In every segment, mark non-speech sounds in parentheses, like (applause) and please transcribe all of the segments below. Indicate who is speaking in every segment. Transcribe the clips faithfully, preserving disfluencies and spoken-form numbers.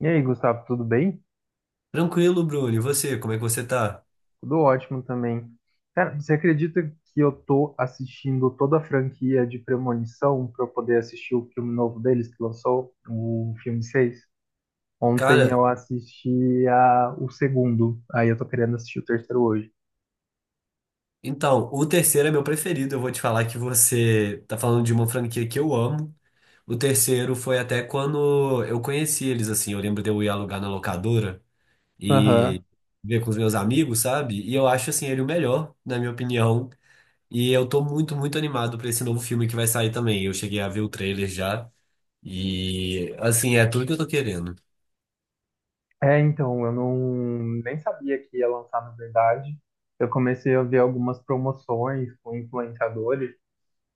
Speaker 1: E aí, Gustavo, tudo bem?
Speaker 2: Tranquilo, Bruno. E você, como é que você tá?
Speaker 1: Tudo ótimo também. Cara, você acredita que eu tô assistindo toda a franquia de Premonição para eu poder assistir o filme novo deles que lançou, o filme seis? Ontem
Speaker 2: Cara,
Speaker 1: eu assisti a, o segundo, aí eu tô querendo assistir o terceiro hoje.
Speaker 2: então, o terceiro é meu preferido. Eu vou te falar que você tá falando de uma franquia que eu amo. O terceiro foi até quando eu conheci eles, assim. Eu lembro de eu ir alugar na locadora
Speaker 1: Aham.
Speaker 2: e ver com os meus amigos, sabe? E eu acho, assim, ele o melhor, na minha opinião. E eu tô muito, muito animado pra esse novo filme que vai sair também. Eu cheguei a ver o trailer já. E, assim, é tudo que eu tô querendo.
Speaker 1: É, então, eu não nem sabia que ia lançar, na verdade. Eu comecei a ver algumas promoções com influenciadores,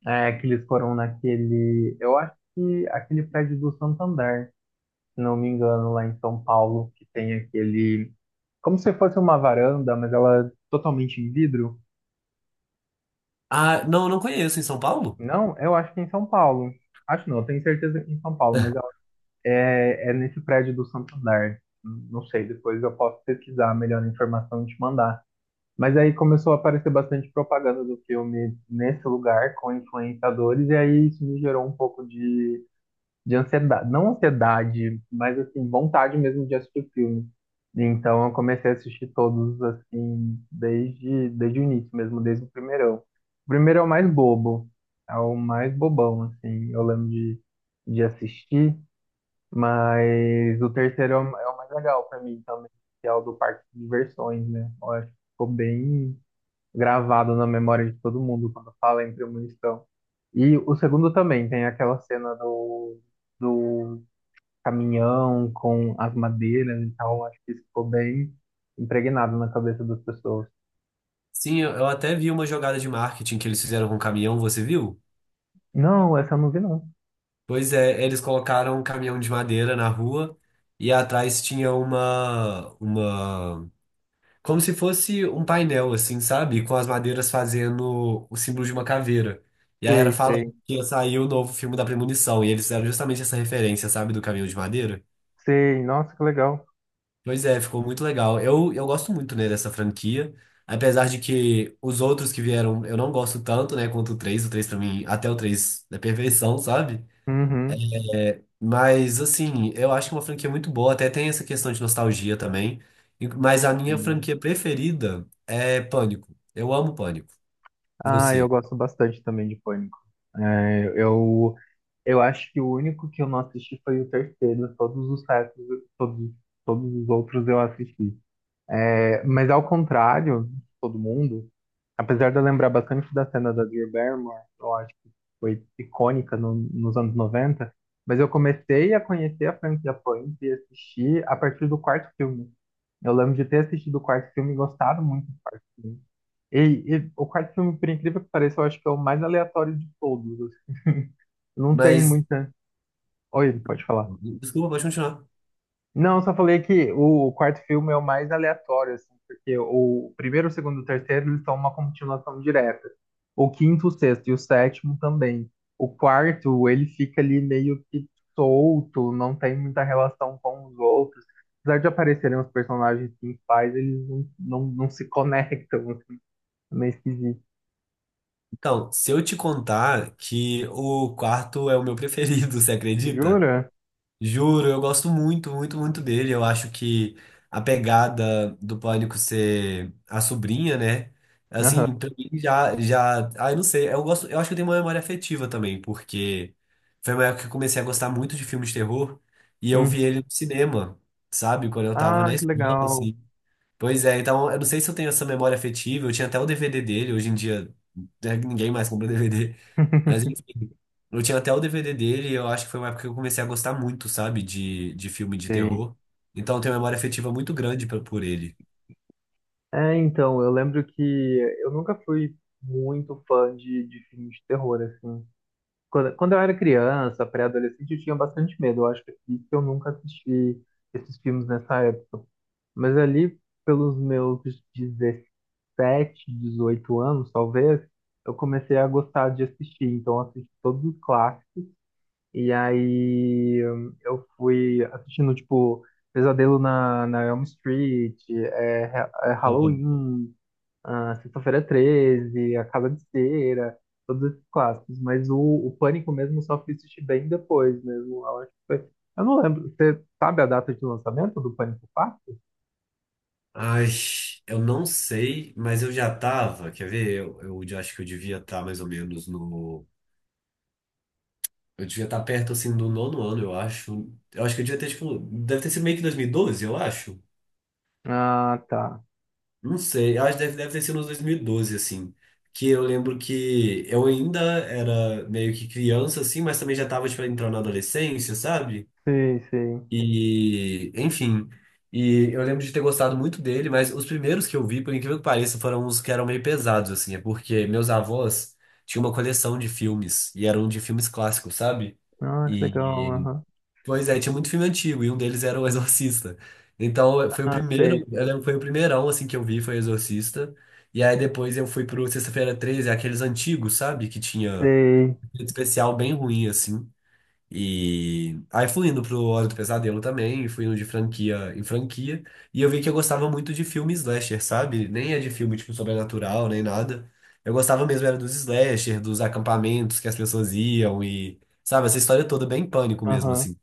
Speaker 1: é, que eles foram naquele, eu acho que aquele prédio do Santander, se não me engano, lá em São Paulo, que tem aquele, como se fosse uma varanda, mas ela é totalmente em vidro.
Speaker 2: Ah, não, não conheço em São Paulo?
Speaker 1: Não, eu acho que é em São Paulo. Acho não, eu tenho certeza que é em São Paulo, mas ela- é, é nesse prédio do Santander. Não sei, depois eu posso pesquisar a melhor informação e te mandar. Mas aí começou a aparecer bastante propaganda do filme nesse lugar com influenciadores, e aí isso me gerou um pouco de de ansiedade, não ansiedade, mas assim, vontade mesmo de assistir filme. Então eu comecei a assistir todos assim, desde, desde o início mesmo, desde o primeirão. O primeiro é o mais bobo, é o mais bobão, assim, eu lembro de, de assistir, mas o terceiro é o, é o mais legal pra mim também, que é o do parque de diversões, né? Eu acho que ficou bem gravado na memória de todo mundo quando fala em premonição. E o segundo também tem aquela cena do, do caminhão com as madeiras e tal. Acho que isso ficou bem impregnado na cabeça das pessoas.
Speaker 2: Sim, eu eu até vi uma jogada de marketing que eles fizeram com um caminhão, você viu?
Speaker 1: Não, essa eu não vi, não.
Speaker 2: Pois é, eles colocaram um caminhão de madeira na rua e atrás tinha uma, uma, como se fosse um painel, assim, sabe? Com as madeiras fazendo o símbolo de uma caveira. E aí era
Speaker 1: Sei,
Speaker 2: falando
Speaker 1: sei.
Speaker 2: que ia sair o novo filme da Premonição, e eles fizeram justamente essa referência, sabe, do caminhão de madeira.
Speaker 1: Sei, nossa, que legal.
Speaker 2: Pois é, ficou muito legal. Eu, eu gosto muito, né, dessa franquia. Apesar de que os outros que vieram eu não gosto tanto, né, quanto o três. O três pra mim, até o três é perfeição, sabe?
Speaker 1: Uhum.
Speaker 2: É. Mas, assim, eu acho que é uma franquia muito boa. Até tem essa questão de nostalgia também. E mas a minha
Speaker 1: Sim.
Speaker 2: franquia preferida é Pânico. Eu amo Pânico.
Speaker 1: Ah, eu
Speaker 2: Você.
Speaker 1: gosto bastante também de Pânico. É, eu, eu acho que o único que eu não assisti foi o terceiro. Todos os restos, todos, todos os outros eu assisti. É, mas ao contrário de todo mundo, apesar de eu lembrar bastante da cena da Drew Barrymore, eu acho que foi icônica no- nos anos noventa, mas eu comecei a conhecer a franquia Punk e assistir a partir do quarto filme. Eu lembro de ter assistido o quarto filme e gostado muito do quarto filme. E, e o quarto filme, por incrível que pareça, eu acho que é o mais aleatório de todos, assim. Não tem
Speaker 2: Mas,
Speaker 1: muita. Oi, pode falar.
Speaker 2: desculpa, pode continuar.
Speaker 1: Não, só falei que o quarto filme é o mais aleatório, assim, porque o primeiro, o segundo e o terceiro, eles são uma continuação direta. O quinto, o sexto e o sétimo também. O quarto, ele fica ali meio que solto, não tem muita relação com os outros. Apesar de aparecerem os personagens principais, eles não, não, não se conectam, assim, é meio esquisito.
Speaker 2: Então, se eu te contar que o quarto é o meu preferido, (laughs) você acredita?
Speaker 1: Jura?
Speaker 2: Juro, eu gosto muito, muito, muito dele. Eu acho que a pegada do Pânico ser a sobrinha, né?
Speaker 1: Aham.
Speaker 2: Assim, pra mim já, já. Ah, eu não sei. Eu gosto, eu acho que eu tenho uma memória afetiva também, porque foi uma época que eu comecei a gostar muito de filmes de terror e eu
Speaker 1: Uhum.
Speaker 2: vi ele no cinema, sabe? Quando eu tava na
Speaker 1: Ah, que
Speaker 2: escola,
Speaker 1: legal.
Speaker 2: assim. Pois é, então eu não sei se eu tenho essa memória afetiva, eu tinha até o D V D dele, hoje em dia né, ninguém mais compra (laughs) D V D, mas
Speaker 1: (laughs)
Speaker 2: enfim, eu tinha até o D V D dele e eu acho que foi uma época que eu comecei a gostar muito, sabe, de, de filme de
Speaker 1: Sim.
Speaker 2: terror. Então eu tenho uma memória afetiva muito grande pra- por ele.
Speaker 1: É, então, eu lembro que eu nunca fui muito fã de, de filmes de terror, assim. Quando, quando eu era criança, pré-adolescente, eu tinha bastante medo. Eu acho que é por isso que eu nunca assisti esses filmes nessa época. Mas ali, pelos meus dezessete, dezoito anos, talvez, eu comecei a gostar de assistir. Então, eu assisti todos os clássicos. E aí, eu fui assistindo, tipo, Pesadelo na, na Elm Street, é, é
Speaker 2: Uhum.
Speaker 1: Halloween, ah, Sexta-feira treze, A Casa de Cera, todos esses clássicos. Mas o, o Pânico mesmo eu só fui assistir bem depois mesmo. Eu acho que foi. Eu não lembro. Você sabe a data de lançamento do Pânico quatro?
Speaker 2: Ai, eu não sei, mas eu já tava, quer ver? Eu, eu já acho que eu devia estar mais ou menos no. Eu devia estar perto assim do nono ano, eu acho. Eu acho que eu devia ter, tipo. Deve ter sido meio que dois mil e doze, eu acho.
Speaker 1: Ah, tá.
Speaker 2: Não sei, eu acho que deve, deve ter sido nos dois mil e doze assim. Que eu lembro que eu ainda era meio que criança, assim, mas também já tava, tipo, entrando na adolescência, sabe?
Speaker 1: Sim, sim.
Speaker 2: E, enfim. E eu lembro de ter gostado muito dele, mas os primeiros que eu vi, por incrível que pareça, foram os que eram meio pesados, assim. É porque meus avós tinham uma coleção de filmes, e eram de filmes clássicos, sabe?
Speaker 1: Ah, que legal.
Speaker 2: e
Speaker 1: Aham.
Speaker 2: Pois é, tinha muito filme antigo, e um deles era O Exorcista. Então, foi o
Speaker 1: Ah,
Speaker 2: primeiro,
Speaker 1: sei,
Speaker 2: eu
Speaker 1: sei.
Speaker 2: lembro, que foi o primeirão, assim, que eu vi, foi O Exorcista. E aí, depois eu fui pro Sexta-feira treze, aqueles antigos, sabe? Que tinha
Speaker 1: Sei.
Speaker 2: efeito especial bem ruim, assim. E aí fui indo pro Hora do Pesadelo também, fui indo de franquia em franquia. E eu vi que eu gostava muito de filme slasher, sabe? Nem é de filme, tipo, sobrenatural, nem nada. Eu gostava mesmo era dos slasher, dos acampamentos que as pessoas iam e... Sabe, essa história toda bem pânico mesmo,
Speaker 1: Aham.
Speaker 2: assim.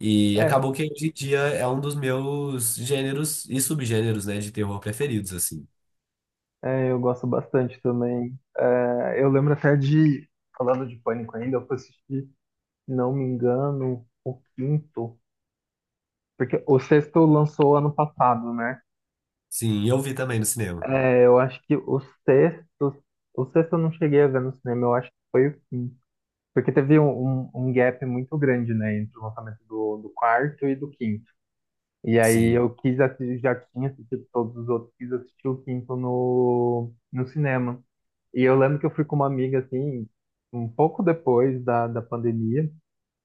Speaker 2: E
Speaker 1: É,
Speaker 2: acabou que hoje em dia é um dos meus gêneros e subgêneros, né, de terror preferidos, assim.
Speaker 1: é, eu gosto bastante também. É, eu lembro até de, falando de Pânico ainda, eu fui assistir, não me engano, o quinto, porque o sexto lançou ano passado, né?
Speaker 2: Sim, eu vi também no cinema.
Speaker 1: É, eu acho que o sexto, o sexto eu não cheguei a ver no cinema, eu acho que foi o quinto. Porque teve um, um, um gap muito grande, né, entre o lançamento do, do quarto e do quinto. E aí
Speaker 2: Sim.
Speaker 1: eu quis assistir, já tinha assistido todos os outros, quis assistir o quinto no, no cinema. E eu lembro que eu fui com uma amiga, assim, um pouco depois da, da pandemia.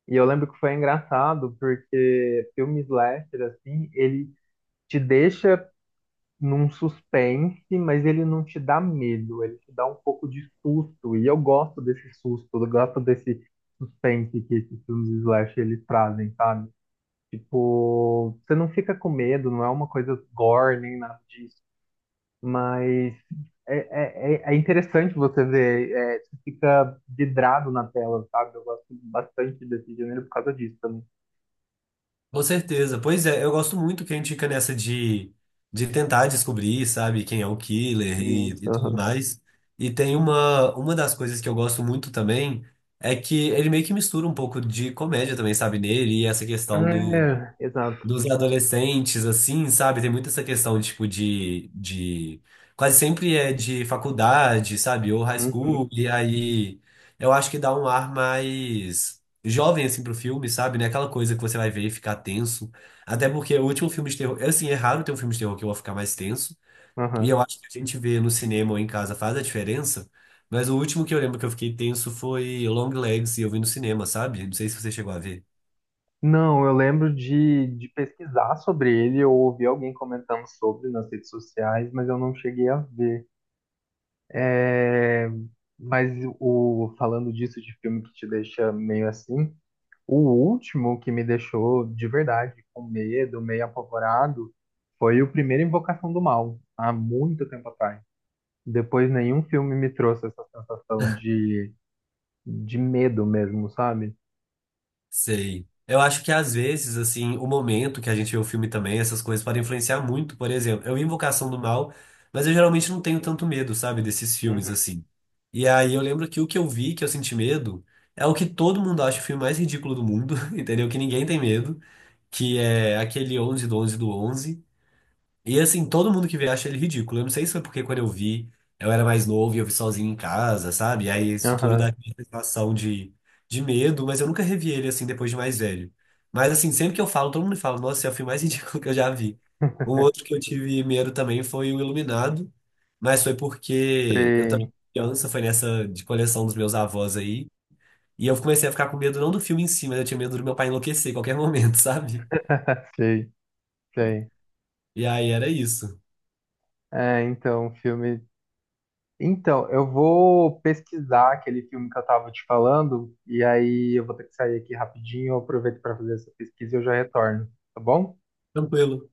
Speaker 1: E eu lembro que foi engraçado, porque filme slasher, assim, ele te deixa num suspense, mas ele não te dá medo, ele te dá um pouco de susto. E eu gosto desse susto, eu gosto desse suspense que esses filmes de slash eles trazem, sabe? Tipo, você não fica com medo, não é uma coisa gore nem nada disso, mas é, é, é é interessante você ver, é, você fica vidrado na tela, sabe? Eu gosto bastante desse gênero por causa disso também.
Speaker 2: Com certeza. Pois é, eu gosto muito que a gente fica nessa de, de tentar descobrir, sabe, quem é o killer e,
Speaker 1: Isso,
Speaker 2: e tudo
Speaker 1: aham.
Speaker 2: mais. E tem uma, uma das coisas que eu gosto muito também é que ele meio que mistura um pouco de comédia também, sabe, nele, e essa questão do,
Speaker 1: É, exato.
Speaker 2: dos adolescentes, assim, sabe? Tem muito essa questão, tipo, de, de... Quase sempre é de faculdade, sabe? Ou high
Speaker 1: Uhum,
Speaker 2: school. E aí, eu acho que dá um ar mais jovem, assim, pro filme, sabe? Não é aquela coisa que você vai ver e ficar tenso. Até porque o último filme de terror... é, assim, é raro ter um filme de terror que eu vou ficar mais tenso. E
Speaker 1: aham.
Speaker 2: eu acho que a gente vê no cinema ou em casa faz a diferença. Mas o último que eu lembro que eu fiquei tenso foi Long Legs e eu vi no cinema, sabe? Não sei se você chegou a ver.
Speaker 1: Não, eu lembro de, de pesquisar sobre ele, eu ouvi alguém comentando sobre nas redes sociais, mas eu não cheguei a ver. É, mas o, falando disso de filme que te deixa meio assim, o último que me deixou de verdade com medo, meio apavorado, foi o primeiro Invocação do Mal, há muito tempo atrás. Depois nenhum filme me trouxe essa sensação de, de medo mesmo, sabe?
Speaker 2: Sei. Eu acho que às vezes, assim, o momento que a gente vê o filme também, essas coisas podem influenciar muito. Por exemplo, eu vi Invocação do Mal, mas eu geralmente não tenho tanto medo, sabe, desses filmes,
Speaker 1: Uhum.
Speaker 2: assim. E aí eu lembro que o que eu vi, que eu senti medo, é o que todo mundo acha o filme mais ridículo do mundo, (laughs) entendeu? Que ninguém tem medo, que é aquele onze do onze do onze e assim, todo mundo que vê acha ele ridículo. Eu não sei se foi porque quando eu vi, eu era mais novo e eu vi sozinho em casa, sabe? E aí isso tudo
Speaker 1: Aham,
Speaker 2: dá aquela sensação de, de medo, mas eu nunca revi ele assim depois de mais velho. Mas assim, sempre que eu falo, todo mundo fala, nossa, esse é o filme mais (laughs) ridículo que eu já vi. Um outro que eu tive medo também foi o Iluminado, mas foi porque eu também
Speaker 1: sei,
Speaker 2: fui criança, foi nessa de coleção dos meus avós aí. E eu comecei a ficar com medo não do filme em si, mas eu tinha medo do meu pai enlouquecer em qualquer (laughs) momento, sabe?
Speaker 1: (laughs) sei, sei.
Speaker 2: E aí era isso.
Speaker 1: É, então, o filme. Então, eu vou pesquisar aquele filme que eu tava te falando, e aí eu vou ter que sair aqui rapidinho, eu aproveito para fazer essa pesquisa e eu já retorno, tá bom?
Speaker 2: Tranquilo.